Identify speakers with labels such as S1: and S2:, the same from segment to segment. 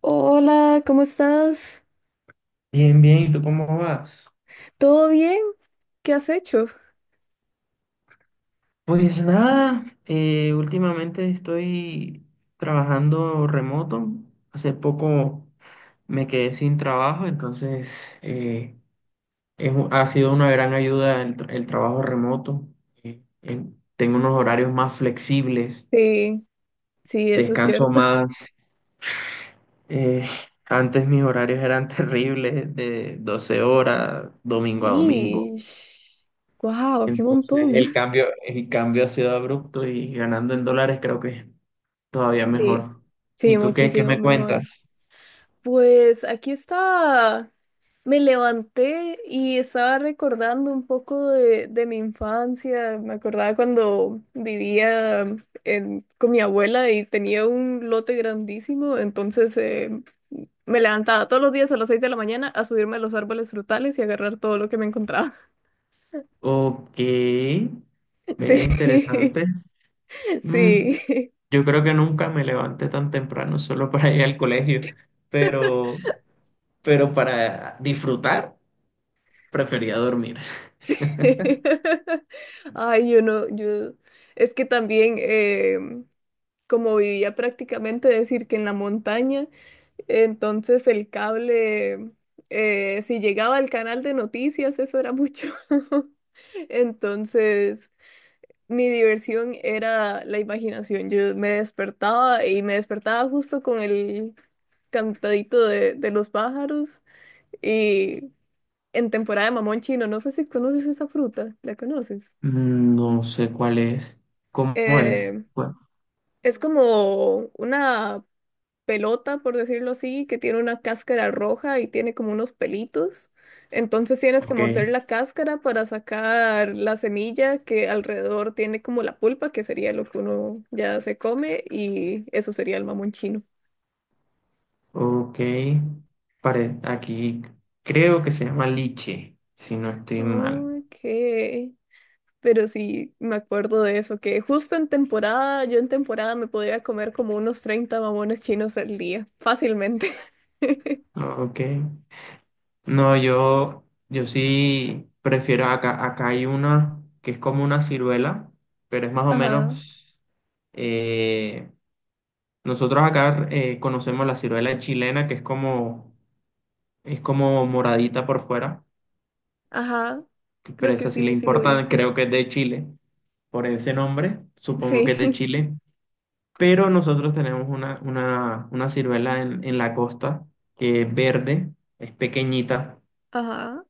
S1: Hola, ¿cómo estás?
S2: Bien, bien, ¿y tú cómo vas?
S1: ¿Todo bien? ¿Qué has hecho?
S2: Pues nada, últimamente estoy trabajando remoto. Hace poco me quedé sin trabajo, entonces ha sido una gran ayuda el trabajo remoto. Tengo unos horarios más flexibles,
S1: Sí, sí, eso es
S2: descanso
S1: cierto.
S2: más. eh, antes mis horarios eran terribles, de 12 horas, domingo a domingo.
S1: Y wow, qué
S2: Entonces
S1: montón.
S2: el cambio, el cambio ha sido abrupto y ganando en dólares creo que es todavía
S1: Sí,
S2: mejor.
S1: sí,
S2: ¿Y tú qué
S1: muchísimo
S2: me
S1: mejor.
S2: cuentas?
S1: Pues aquí está. Me levanté y estaba recordando un poco de mi infancia. Me acordaba cuando vivía con mi abuela y tenía un lote grandísimo. Entonces me levantaba todos los días a las 6 de la mañana a subirme a los árboles frutales y agarrar todo lo que me encontraba.
S2: Ok, vea
S1: Sí,
S2: interesante. Mm,
S1: sí.
S2: yo creo que nunca me levanté tan temprano solo para ir al colegio, pero, pero para disfrutar prefería dormir.
S1: Ay, yo no, yo. Es que también, como vivía prácticamente, decir que en la montaña, entonces el cable, si llegaba al canal de noticias, eso era mucho. Entonces, mi diversión era la imaginación. Yo me despertaba y me despertaba justo con el cantadito de los pájaros y en temporada de mamón chino, no sé si conoces esa fruta, ¿la conoces?
S2: No sé cuál es, cómo es.
S1: Eh,
S2: Bueno,
S1: es como una pelota, por decirlo así, que tiene una cáscara roja y tiene como unos pelitos. Entonces tienes que
S2: ok.
S1: morder la cáscara para sacar la semilla que alrededor tiene como la pulpa, que sería lo que uno ya se come, y eso sería el mamón chino.
S2: Ok, pare, aquí creo que se llama liche, si no estoy mal.
S1: Ok. Pero sí, me acuerdo de eso, que justo en temporada, yo en temporada me podría comer como unos 30 mamones chinos al día, fácilmente.
S2: Ok. No, yo sí prefiero acá, acá hay una que es como una ciruela, pero es más o
S1: Ajá,
S2: menos, eh, nosotros acá conocemos la ciruela chilena, es como moradita por fuera,
S1: ajá,
S2: pero
S1: creo que
S2: esa sí le
S1: sí, sí lo
S2: importa,
S1: ubico.
S2: creo que es de Chile, por ese nombre, supongo que
S1: Sí.
S2: es de Chile. Pero nosotros tenemos una ciruela en la costa que es verde, es pequeñita,
S1: Ajá.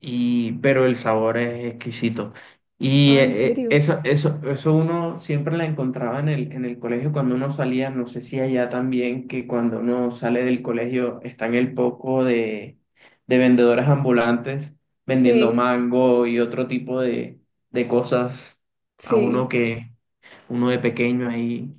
S2: pero el sabor es exquisito. Y
S1: Ah, ¿en serio?
S2: eso uno siempre la encontraba en el colegio cuando uno salía, no sé si allá también, que cuando uno sale del colegio está en el poco de vendedores ambulantes vendiendo
S1: Sí,
S2: mango y otro tipo de cosas a uno
S1: sí,
S2: que uno de pequeño ahí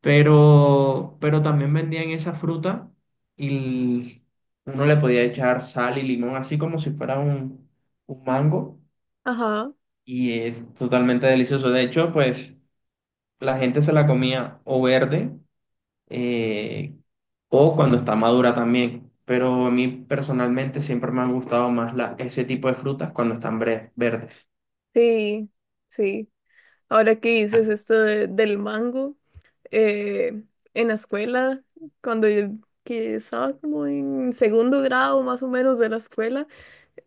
S2: pero también vendían esa fruta y uno le podía echar sal y limón, así como si fuera un mango,
S1: ajá.
S2: y es totalmente delicioso. De hecho, pues la gente se la comía o verde eh, o cuando está madura también. Pero a mí personalmente siempre me han gustado más ese tipo de frutas cuando están verdes.
S1: Sí, sí. Ahora que dices esto del mango, eh, en la escuela, cuando yo que estaba como en segundo grado más o menos de la escuela,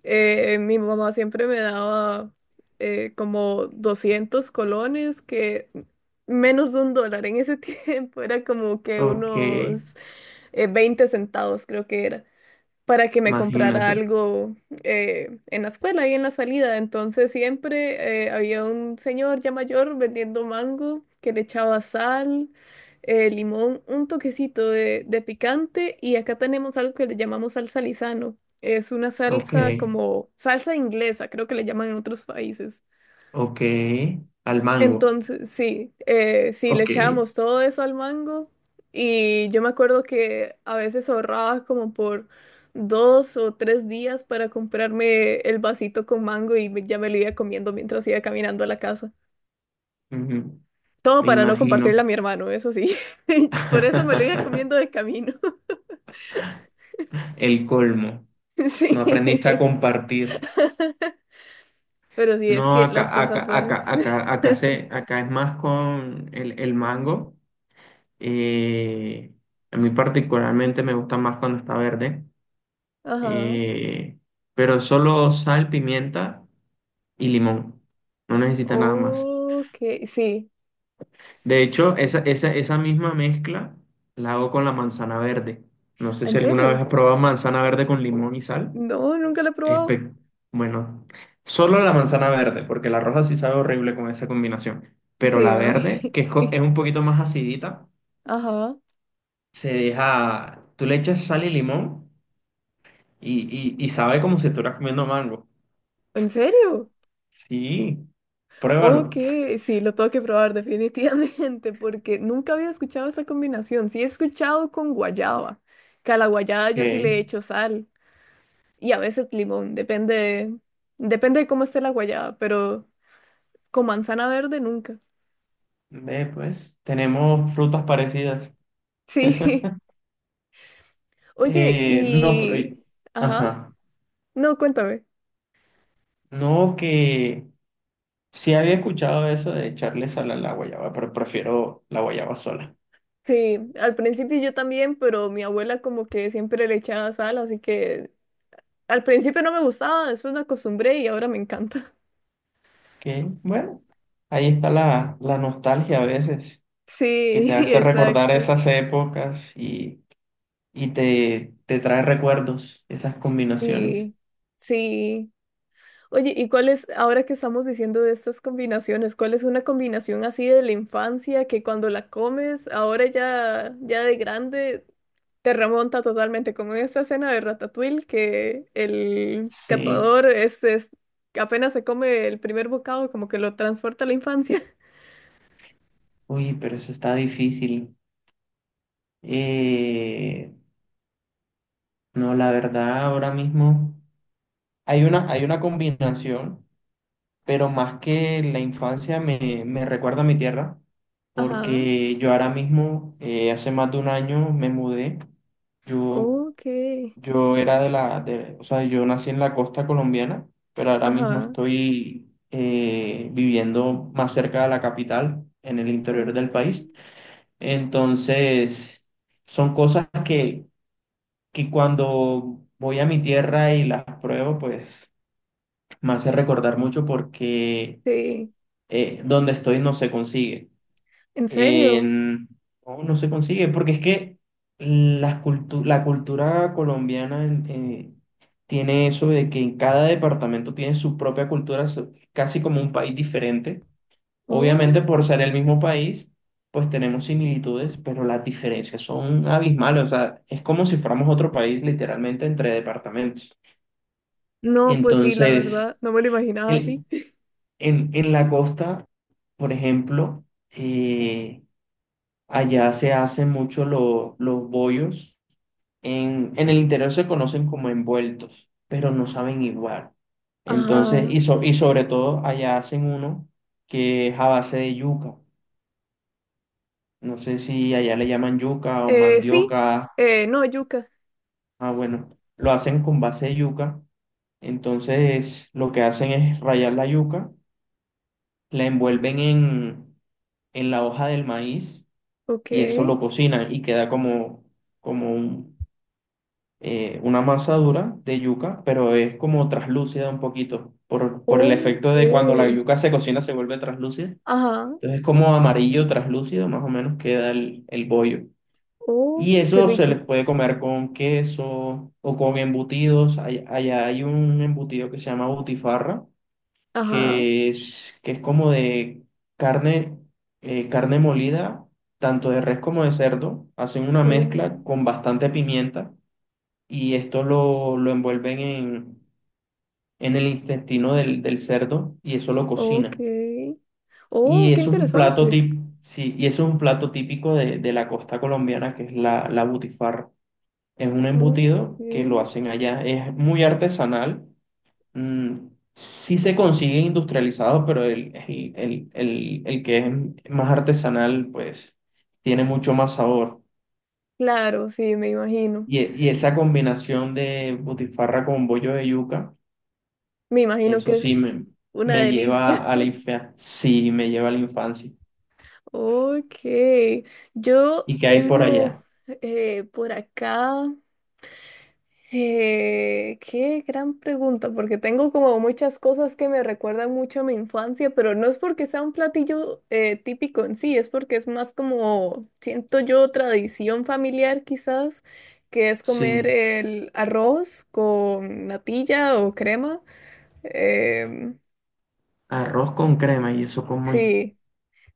S1: mi mamá siempre me daba como 200 colones, que menos de un dólar en ese tiempo, era como que
S2: Ok,
S1: unos 20 centavos creo que era, para que me comprara
S2: imagínate.
S1: algo en la escuela y en la salida. Entonces siempre había un señor ya mayor vendiendo mango que le echaba sal, limón, un toquecito de picante, y acá tenemos algo que le llamamos salsa Lizano. Es una
S2: Ok,
S1: salsa como salsa inglesa, creo que le llaman en otros países.
S2: ok. Al mango.
S1: Entonces, sí, sí, le
S2: Ok.
S1: echábamos todo eso al mango, y yo me acuerdo que a veces ahorraba como por 2 o 3 días para comprarme el vasito con mango y ya me lo iba comiendo mientras iba caminando a la casa. Todo
S2: Me
S1: para no
S2: imagino.
S1: compartirle a mi hermano, eso sí. Por eso me lo iba comiendo de camino.
S2: El colmo. No aprendiste a
S1: Sí,
S2: compartir.
S1: pero sí, es
S2: No,
S1: que las cosas buenas.
S2: acá es más con el mango. Eh, a mí particularmente me gusta más cuando está verde.
S1: Ajá.
S2: Eh, pero solo sal, pimienta y limón. No necesita nada más.
S1: Ok, sí.
S2: De hecho, esa misma mezcla la hago con la manzana verde. No sé
S1: ¿En
S2: si alguna vez
S1: serio?
S2: has probado manzana verde con limón y sal.
S1: No, nunca lo he probado.
S2: Espe- Bueno, solo la manzana verde, porque la roja sí sabe horrible con esa combinación.
S1: Sí,
S2: Pero la
S1: me imagino.
S2: verde, es un poquito más acidita,
S1: Ajá.
S2: se deja. Tú le echas sal y limón y, y sabe como si estuvieras comiendo mango.
S1: ¿En serio?
S2: Sí, pruébalo.
S1: Ok,
S2: Ok,
S1: sí, lo tengo que probar definitivamente porque nunca había escuchado esta combinación. Sí he escuchado con guayaba, que a la guayaba yo sí le echo sal y a veces limón, depende, depende de cómo esté la guayaba, pero con manzana verde nunca.
S2: ve pues, tenemos frutas parecidas.
S1: Sí. Oye,
S2: No, pero.
S1: y... Ajá.
S2: Ajá.
S1: No, cuéntame.
S2: No, que sí había escuchado eso de echarle sal a la guayaba, pero prefiero la guayaba sola.
S1: Sí, al principio yo también, pero mi abuela como que siempre le echaba sal, así que al principio no me gustaba, después me acostumbré y ahora me encanta.
S2: Que, bueno, ahí está la nostalgia a veces, que te
S1: Sí,
S2: hace recordar
S1: exacto.
S2: esas épocas y te trae recuerdos, esas combinaciones.
S1: Sí, sí. Oye, ¿y cuál es, ahora que estamos diciendo de estas combinaciones, cuál es una combinación así de la infancia que cuando la comes, ahora ya, ya de grande, te remonta totalmente, como en esta escena de Ratatouille, que el
S2: Sí,
S1: catador apenas se come el primer bocado, como que lo transporta a la infancia.
S2: uy, pero eso está difícil. Eh, no, la verdad, ahora mismo hay una combinación, pero más que la infancia me recuerda a mi tierra,
S1: Ajá,
S2: porque yo ahora mismo, hace más de un año, me mudé. Yo
S1: ok,
S2: Yo era o sea, yo nací en la costa colombiana, pero ahora mismo
S1: ajá,
S2: estoy viviendo más cerca de la capital, en el interior del
S1: oh,
S2: país. Entonces, son cosas que cuando voy a mi tierra y las pruebo, pues me hace recordar mucho porque
S1: sí,
S2: donde estoy no se consigue
S1: ¿en serio?
S2: en- no, no se consigue, porque es que la cultura colombiana tiene eso de que en cada departamento tiene su propia cultura, casi como un país diferente. Obviamente
S1: Oh.
S2: por ser el mismo país, pues tenemos similitudes, pero las diferencias son abismales, o sea, es como si fuéramos otro país literalmente entre departamentos.
S1: No, pues sí, la
S2: Entonces,
S1: verdad, no me lo imaginaba
S2: el-
S1: así.
S2: en la costa, por ejemplo, eh, Allá se hacen mucho los bollos. En el interior se conocen como envueltos, pero no saben igual. Entonces,
S1: Ajá.
S2: y sobre todo allá hacen uno que es a base de yuca. No sé si allá le llaman yuca o
S1: Sí,
S2: mandioca.
S1: no, yuca.
S2: Ah, bueno, lo hacen con base de yuca. Entonces, lo que hacen es rallar la yuca, la envuelven en la hoja del maíz
S1: Ok,
S2: y eso lo cocinan y queda como, como un una masa dura de yuca, pero es como traslúcida un poquito, por el efecto
S1: ok.
S2: de cuando la yuca se cocina se vuelve traslúcida.
S1: Ajá,
S2: Entonces es como amarillo traslúcido, más o menos queda el bollo.
S1: oh,
S2: Y
S1: qué
S2: eso se
S1: rico.
S2: les puede comer con queso o con embutidos. Allá hay un embutido que se llama butifarra,
S1: Ajá,
S2: que es como de carne, carne molida, tanto de res como de cerdo. Hacen una
S1: oh,
S2: mezcla con bastante pimienta y esto lo envuelven en el intestino del cerdo y eso lo
S1: ok.
S2: cocinan.
S1: Oh,
S2: Y
S1: qué
S2: eso es un plato
S1: interesante.
S2: típico, sí, y eso es un plato típico de la costa colombiana que es la butifarra. Es un
S1: Ok.
S2: embutido que lo hacen allá, es muy artesanal. mm, Sí se consigue industrializado, pero el que es más artesanal, pues tiene mucho más sabor.
S1: Claro, sí, me imagino.
S2: Y esa combinación de butifarra con bollo de yuca,
S1: Me imagino
S2: eso
S1: que
S2: sí
S1: es una
S2: me
S1: delicia.
S2: lleva a la infancia. Sí, me lleva a la infancia.
S1: Ok, yo
S2: ¿Y qué hay por
S1: tengo
S2: allá?
S1: por acá. Qué gran pregunta, porque tengo como muchas cosas que me recuerdan mucho a mi infancia, pero no es porque sea un platillo típico en sí, es porque es más como, siento yo, tradición familiar quizás, que es comer
S2: Sí,
S1: el arroz con natilla o crema. Em,
S2: arroz con crema y eso como es.
S1: sí,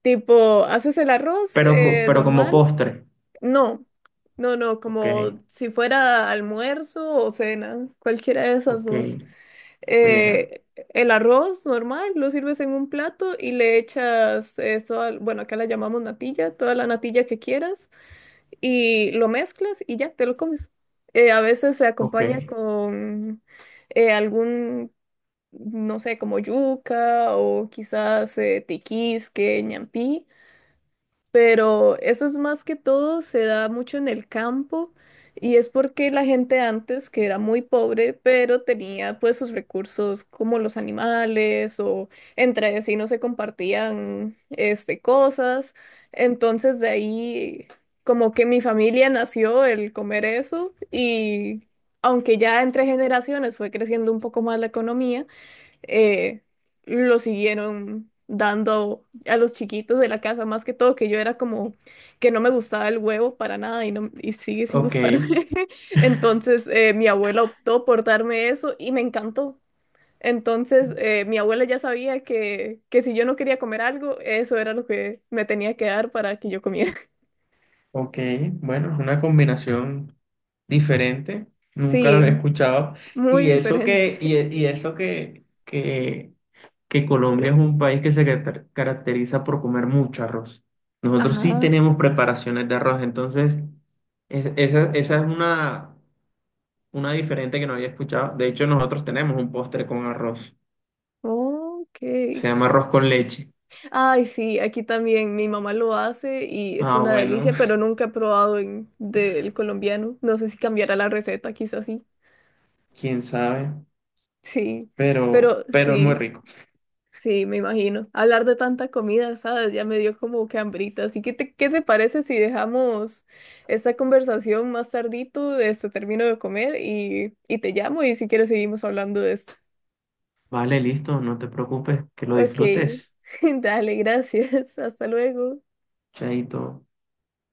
S1: tipo, haces el arroz
S2: Pero, co- pero como
S1: normal.
S2: postre.
S1: No, no, no,
S2: Ok,
S1: como si fuera almuerzo o cena, cualquiera de esas
S2: ok,
S1: dos.
S2: vea,
S1: Eh, el arroz normal lo sirves en un plato y le echas, bueno, acá la llamamos natilla, toda la natilla que quieras, y lo mezclas y ya te lo comes. A veces se
S2: ok,
S1: acompaña con algún, no sé, como yuca o quizás tiquisque, ñampí, pero eso es más que todo, se da mucho en el campo, y es porque la gente antes, que era muy pobre, pero tenía pues sus recursos como los animales o entre vecinos se compartían este, cosas, entonces de ahí como que mi familia nació el comer eso, y aunque ya entre generaciones fue creciendo un poco más la economía, eh, lo siguieron dando a los chiquitos de la casa, más que todo, que yo era como que no me gustaba el huevo para nada y, no, y sigue sin
S2: ok,
S1: gustarme. Entonces mi abuela optó por darme eso y me encantó. Entonces mi abuela ya sabía que si yo no quería comer algo, eso era lo que me tenía que dar para que yo comiera.
S2: ok. Bueno, es una combinación diferente. Nunca lo
S1: Sí,
S2: había escuchado.
S1: muy
S2: Y eso
S1: diferente.
S2: que, y, y eso que, que que Colombia es un país que se caracteriza por comer mucho arroz. Nosotros sí
S1: Ajá,
S2: tenemos preparaciones de arroz, entonces esa es una diferente que no había escuchado. De hecho, nosotros tenemos un postre con arroz,
S1: ok.
S2: se llama arroz con leche.
S1: Ay, sí, aquí también mi mamá lo hace y es
S2: Ah,
S1: una
S2: bueno,
S1: delicia, pero nunca he probado del colombiano. No sé si cambiará la receta, quizás sí.
S2: quién sabe,
S1: Sí, pero
S2: pero es muy
S1: sí,
S2: rico.
S1: sí, me imagino. Hablar de tanta comida, ¿sabes? Ya me dio como que hambrita. Así que, ¿qué te parece si dejamos esta conversación más tardito? Este, termino de comer y te llamo y si quieres seguimos hablando de esto.
S2: Vale, listo, no te preocupes, que lo
S1: Ok,
S2: disfrutes.
S1: dale, gracias. Hasta luego.
S2: Chaito.